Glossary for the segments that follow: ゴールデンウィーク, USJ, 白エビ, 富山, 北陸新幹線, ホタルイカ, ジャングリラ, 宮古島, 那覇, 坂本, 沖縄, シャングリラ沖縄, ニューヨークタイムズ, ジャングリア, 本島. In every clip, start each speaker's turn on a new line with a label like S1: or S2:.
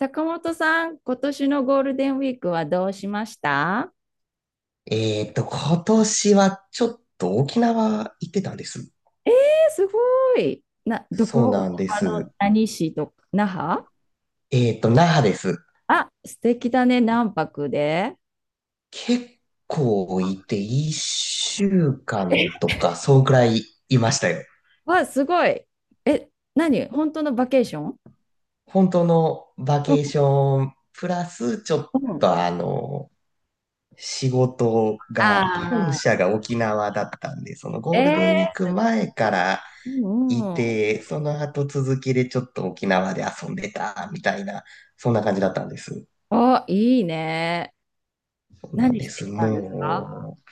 S1: 坂本さん、今年のゴールデンウィークはどうしました？
S2: 今年はちょっと沖縄行ってたんです。
S1: え、すごい。ど
S2: そう
S1: こ
S2: なんです。
S1: 何市とか、那覇？
S2: 那覇です。
S1: あ、素敵だね、何泊で？
S2: 結構いて、一週間とか、そうくらいいましたよ。
S1: わ、すごい。え、何、本当のバケーション？
S2: 本当のバ
S1: うん
S2: ケーション、プラスちょっ
S1: うん。
S2: と仕事が、本
S1: あ
S2: 社が沖縄だったんで、その
S1: あ、
S2: ゴールデンウィーク前から
S1: うん
S2: い
S1: うん。
S2: て、その後続きでちょっと沖縄で遊んでた、みたいな、そんな感じだったんです。
S1: お、いいね。
S2: そうなん
S1: 何
S2: で
S1: して
S2: す。
S1: きたんですか？
S2: もう、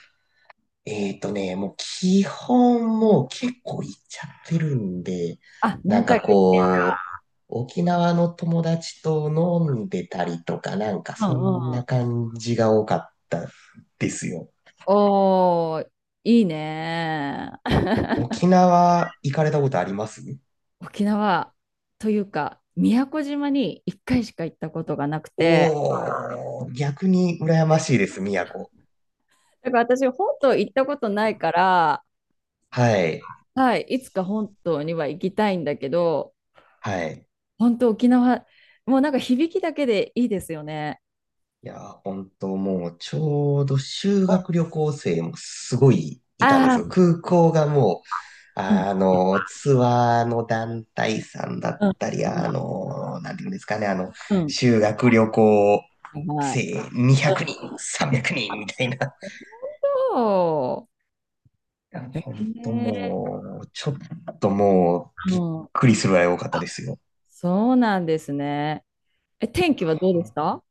S2: もう基本もう結構行っちゃってるんで、
S1: あ、
S2: な
S1: 何
S2: んか
S1: 回か。
S2: こう、沖縄の友達と飲んでたりとか、なんか
S1: う
S2: そ
S1: ん
S2: ん
S1: うん。
S2: な感じが多かったですよ。
S1: おー、いいね。
S2: 沖縄行かれたことあります？
S1: 沖縄というか、宮古島に1回しか行ったことがなくて、
S2: おー、逆に羨ましいです、宮古。
S1: だから私、本島行ったことないから、
S2: はい。
S1: はい、いつか本島には行きたいんだけど、
S2: はい。
S1: 本当沖縄、もうなんか響きだけでいいですよね。
S2: いやー、本当もう、ちょうど修学旅行生もすごいいたんで
S1: あ
S2: すよ。
S1: あ、
S2: 空港がもう、
S1: うん、
S2: ツアーの団体さんだっ
S1: うん、うん、
S2: たり、なんていうんですかね、
S1: うん、
S2: 修学旅行
S1: はいはい。
S2: 生200人、300人みたいな。い
S1: そ
S2: や、
S1: う。
S2: 本当もう、ちょっともう、
S1: う
S2: びっ
S1: ん。
S2: くりするぐらい多かったで
S1: あ、
S2: すよ。
S1: そうなんですね。え、天気はどうですか？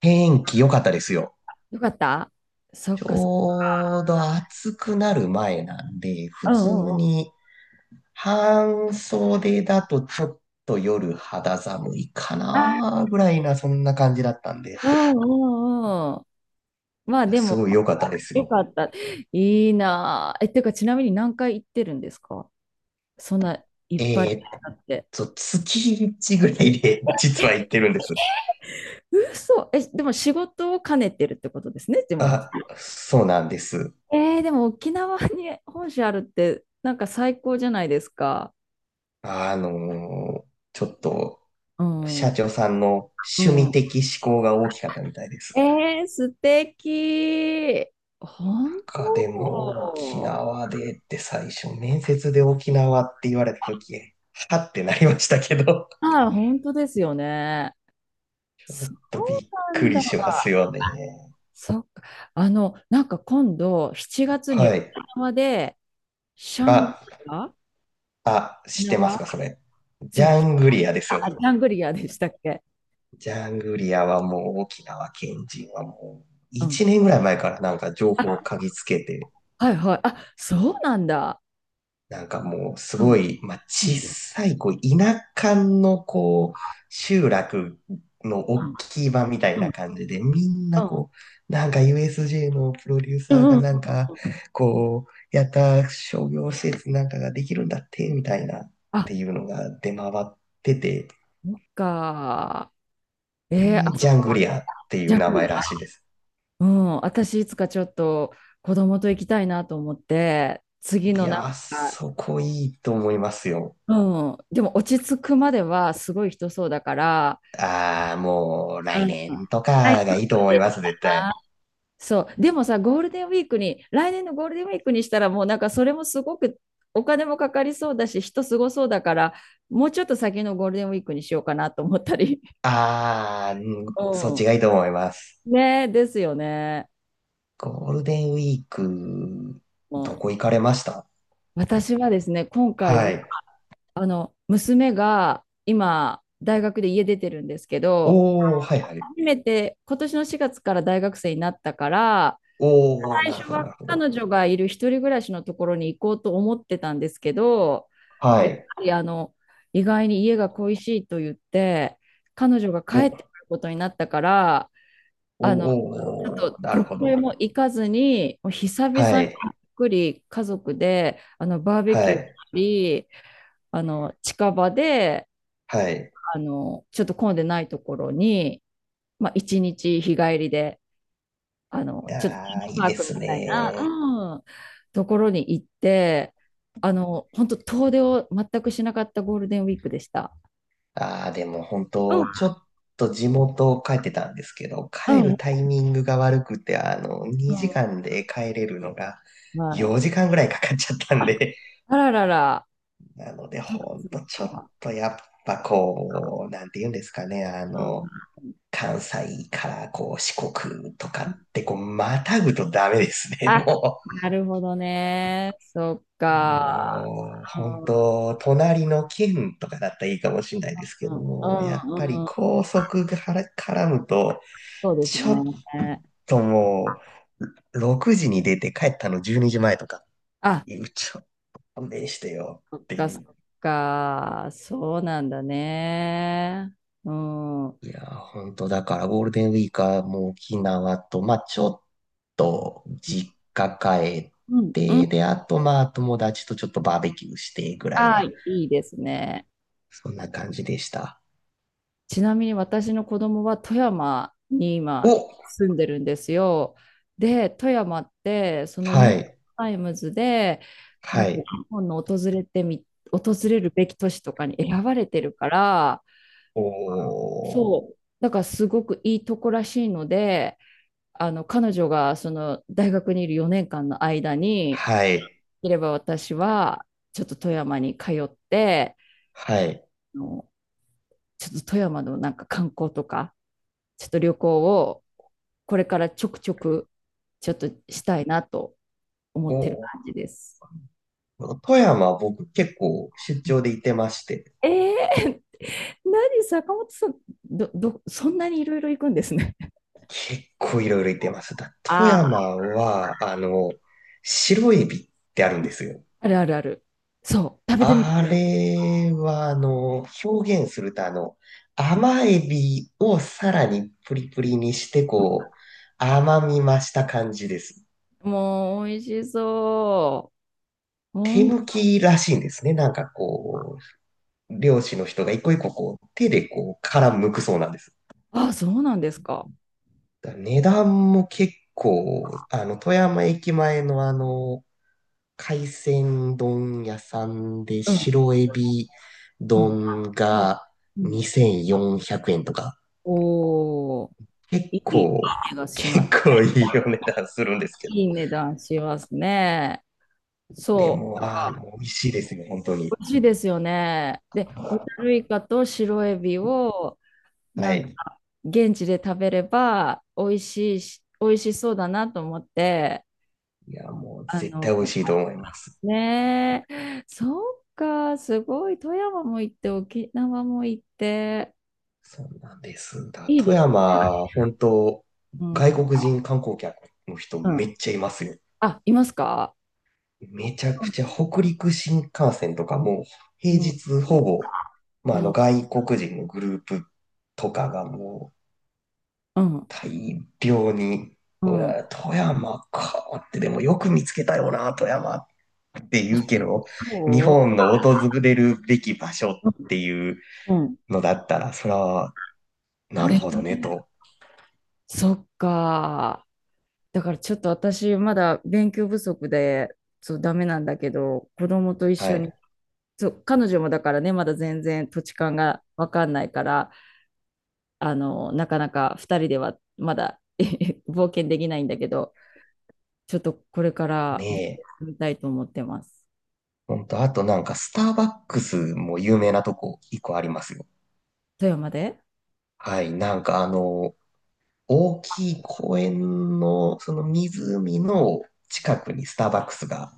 S2: 天気良かったですよ。
S1: よかった。そ
S2: ち
S1: っかそっか。
S2: ょうど暑くなる前なんで、普
S1: うんうんう
S2: 通
S1: ん。
S2: に半袖だとちょっと夜肌寒いか
S1: あ、
S2: なぐらいな、そんな感じだったんで、
S1: うんうんうん。まあで
S2: す
S1: も、
S2: ごい良かったです
S1: よ
S2: よ。
S1: かった。いいなぁ。え、てか、ちなみに何回行ってるんですか？そんないっぱい
S2: えーっ
S1: あって。
S2: 月1ぐらいで実は行ってるんです。
S1: 嘘。え、でも仕事を兼ねてるってことですね、でも。
S2: あ、そうなんです。
S1: えー、でも沖縄に本社あるって、なんか最高じゃないですか。
S2: あのーちょっと、
S1: うん。
S2: 社
S1: う
S2: 長さんの趣味
S1: ん。
S2: 的思考が大きかったみたいです。
S1: えー、素敵。本
S2: なんかでも、沖
S1: 当。
S2: 縄でって最初、面接で沖縄って言われた時、はってなりましたけど。
S1: ああ、本当ですよね。そう
S2: とびっ
S1: な
S2: く
S1: ん
S2: り
S1: だ。
S2: しますよね。
S1: そっか。なんか今度、7月に
S2: は
S1: 沖
S2: い。
S1: 縄で、シャングリ
S2: あ、
S1: ラ
S2: あ、
S1: 沖
S2: 知ってま
S1: 縄、
S2: すか、それ？ジ
S1: そう
S2: ャ
S1: し、シ
S2: ングリアですよ
S1: あ
S2: ね。
S1: シャングリラでしたっけ？
S2: ジャングリアはもう沖縄県人はもう
S1: うん。
S2: 1年ぐらい前からなんか情
S1: あ、
S2: 報を嗅ぎつけて、
S1: はいはい。あ、そうなんだ。
S2: なんかもうす
S1: う
S2: ご
S1: ん、
S2: い、まあ、
S1: うん、
S2: 小
S1: うん、
S2: さい、こう、田舎のこう、集落の大きい場みたい
S1: うん、
S2: な感じで、みんなこう、なんか USJ のプロデュー
S1: う
S2: サーが
S1: ん、うん。
S2: なんか、こう、やった商業施設なんかができるんだって、みたいなっ
S1: あ、
S2: ていうのが出回ってて、
S1: そっか。えー、
S2: で、
S1: あ
S2: ジ
S1: そ
S2: ャン
S1: こ、
S2: グリアってい
S1: ジ
S2: う
S1: ャン
S2: 名
S1: グリラ。
S2: 前らしいです。
S1: うん、私いつかちょっと子供と行きたいなと思って、次
S2: い
S1: のなん
S2: やー、
S1: か、
S2: そこいいと思いますよ。
S1: うん、でも落ち着くまではすごい人そうだから、
S2: ああ、もう
S1: う
S2: 来
S1: ん。
S2: 年と
S1: はい、
S2: かがいいと思
S1: で
S2: います、絶
S1: な。
S2: 対。
S1: そう、でもさ、ゴールデンウィークに、来年のゴールデンウィークにしたら、もうなんかそれもすごくお金もかかりそうだし、人すごそうだから、もうちょっと先のゴールデンウィークにしようかなと思ったり。
S2: ああ、うん、 そっちが
S1: う
S2: いいと思います。
S1: ん。ねえ、ですよね。
S2: ゴールデンウィーク、
S1: う
S2: ど
S1: ん。
S2: こ行かれました？
S1: 私はですね、今回は、
S2: はい。
S1: 娘が今、大学で家出てるんですけど、
S2: おー、はいはい。
S1: 初めて今年の4月から大学生になったから、
S2: おー、
S1: 最
S2: なる
S1: 初
S2: ほど、な
S1: は
S2: るほど。
S1: 彼女がいる一人暮らしのところに行こうと思ってたんですけど、
S2: は
S1: やっ
S2: い。
S1: ぱり意外に家が恋しいと言って、彼女が
S2: お、
S1: 帰ってくることになったから、あのちょっ
S2: おー、
S1: と
S2: な
S1: ど
S2: るほ
S1: こへ
S2: ど。
S1: も行かずに、もう久々
S2: は
S1: に
S2: い、
S1: ゆっくり家族でバーベ
S2: は
S1: キューし
S2: い、
S1: たり、近場で
S2: はい。
S1: ちょっと混んでないところに、まあ、一日日帰りで。ちょっとテー
S2: ああ、いい
S1: マパ
S2: で
S1: ークみ
S2: す
S1: たいな、
S2: ね。
S1: うん、ところに行って、本当遠出を全くしなかったゴールデンウィークでした。
S2: ああ、でも本
S1: うん、
S2: 当、ちょっと地元帰ってたんですけど、
S1: う
S2: 帰
S1: ん、
S2: るタイミングが悪くて、2時
S1: う
S2: 間で帰れるのが
S1: ん、はい。
S2: 4時間ぐらいかかっちゃったんで、
S1: あららら、
S2: なので、
S1: そっか
S2: ほん
S1: そっ
S2: とちょっ
S1: か。
S2: とやっぱこう、なんて言うんですかね、
S1: うん、
S2: 関西からこう四国とかってこう、またぐとダメですね、
S1: あ、
S2: も
S1: なるほどね。そっ
S2: う。
S1: か。
S2: もう、
S1: う
S2: 本
S1: ん、う
S2: 当隣の県とかだったらいいかもしれないですけ
S1: ん、う
S2: ども、やっぱり
S1: ん、うん、
S2: 高速がから絡むと、
S1: そうです
S2: ち
S1: ね。
S2: ょっともう、6時に出て帰ったの12時前とかっ
S1: あ、
S2: ていう、ちょっと勘弁してよ
S1: そっ
S2: って
S1: か
S2: い
S1: そっ
S2: う。
S1: か。そうなんだね。うん。うん、
S2: いやー、本当だからゴールデンウィークはもう沖縄と、まあちょっと実家帰っ
S1: うん。
S2: て、で、あとまあ友達とちょっとバーベキューしてぐらい
S1: ああ、
S2: な、
S1: いいですね。
S2: そんな感じでした。
S1: ちなみに私の子供は富山に
S2: お、
S1: 今住んでるんですよ。で、富山ってそのニ
S2: は
S1: ューヨーク
S2: い、
S1: タイムズでな
S2: は
S1: んか日
S2: い、
S1: 本の訪れるべき都市とかに選ばれてるから、
S2: お
S1: そ
S2: ー、
S1: う、だからすごくいいとこらしいので、彼女がその大学にいる4年間の間に、
S2: はい、
S1: いれば私はちょっと富山に通って、
S2: はい、
S1: あのちょっと富山のなんか観光とか、ちょっと旅行をこれからちょくちょくちょっとしたいなと思
S2: お
S1: ってる
S2: ー、
S1: 感じです。
S2: 富山僕結構出張で行ってまして、
S1: えー、何、坂本さん、そんなにいろいろ行くんですね。
S2: 結構いろいろ行ってます。だ、富
S1: ああ、
S2: 山は、白エビってあるんですよ。
S1: あるあるある。そう、食べてみて。
S2: あれは、表現すると、
S1: うん、
S2: 甘エビをさらにプリプリにして、こう、甘み増した感じです。
S1: もう、美味しそう。
S2: 手抜きらしいんですね。なんかこう、漁師の人が一個一個こう、手でこう、殻剥くそうなんです。
S1: あ、そうなんですか。
S2: 値段も結構、富山駅前の海鮮丼屋さんで
S1: うん、
S2: 白エビ
S1: うん、
S2: 丼
S1: うん、
S2: が
S1: うん。
S2: 2400円とか、
S1: おー、
S2: 結
S1: いい、いい
S2: 構、
S1: 値がしま
S2: 結
S1: す。
S2: 構いいお値段するんですけど。
S1: いい値段しますね。
S2: で
S1: そ
S2: も、
S1: う。
S2: 美味しいですよ、本当
S1: 美
S2: に。
S1: 味しいですよね。で、ホタルイカと白エビを
S2: は
S1: なん
S2: い。
S1: か現地で食べれば美味しいし、美味しそうだなと思って、
S2: いや、もう
S1: あ
S2: 絶
S1: の、
S2: 対美味しいと思います。
S1: ねえ、そうか、すごい、富山も行って、沖縄も行って、
S2: そうなんです。だ、
S1: いい
S2: 富
S1: ですね。
S2: 山、本当、
S1: う
S2: 外
S1: ん。う
S2: 国人観光客の人め
S1: ん。
S2: っちゃいますよ。
S1: あ、いますか？
S2: めちゃ
S1: う
S2: くちゃ
S1: ん。
S2: 北陸新幹線とかも、平
S1: うん。
S2: 日ほぼ、
S1: う
S2: まあ、
S1: ん。
S2: 外国人のグループとかがもう、
S1: うん。
S2: 大量に、
S1: う
S2: う
S1: ん、
S2: わ富山かって、でもよく見つけたよな、富山っっていうけど、日
S1: そ
S2: 本の訪れるべき場所っていう
S1: う、うん。
S2: のだったら、それは、なる
S1: ね。
S2: ほどね、と。
S1: そっか。だからちょっと私まだ勉強不足でそうダメなんだけど子供と一
S2: は
S1: 緒に
S2: い。
S1: そう彼女もだからねまだ全然土地勘が分かんないからなかなか2人ではまだ 冒険できないんだけどちょっとこれか
S2: ね
S1: ら勉強
S2: え。
S1: してみたいと思ってます。
S2: ほんと、あとなんか、スターバックスも有名なとこ一個ありますよ。
S1: 富山で？
S2: はい。なんか大きい公園の、その湖の近くにスターバックスが、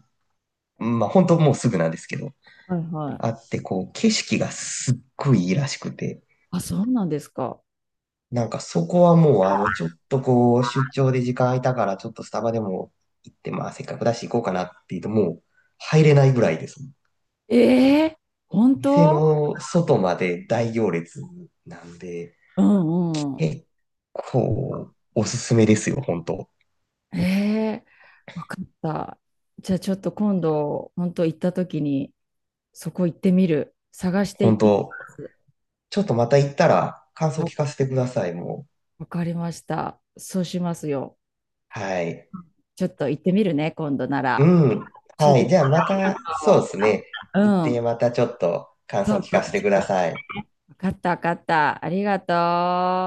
S2: まあ本当もうすぐなんですけど、
S1: はいは
S2: あ
S1: い。
S2: って、こう、景色がすっごいいいらしくて、
S1: あ、そうなんですか。
S2: なんかそこはもう、ちょっとこう、出張で時間空いたから、ちょっとスタバでも行って、まあ、せっかくだし行こうかなって言うと、もう、入れないぐらいです。
S1: ええ、本
S2: 店
S1: 当？
S2: の外まで大行列なんで、
S1: うんうん。
S2: 結構、おすすめですよ、本当。
S1: ええ、わかった。じゃあちょっと今度本当行った時にそこ行ってみる。探して行
S2: 本
S1: ってみま
S2: 当
S1: す。
S2: ちょっとまた行ったら、感想聞か
S1: あ、
S2: せてください、もう。
S1: わかりました。そうしますよ。
S2: はい。
S1: ちょっと行ってみるね、今度な
S2: う
S1: ら。
S2: ん。
S1: 教え
S2: は
S1: て
S2: い。
S1: く
S2: じゃあま
S1: れ
S2: た、そうで
S1: よ。
S2: すね。行っ
S1: う
S2: て、
S1: ん。
S2: またちょっと感
S1: そ
S2: 想
S1: う
S2: 聞
S1: そう。
S2: かせてください。
S1: わかった、わかった。ありが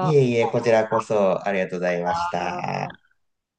S2: いえい
S1: う。
S2: え、こちらこそありがとうございました。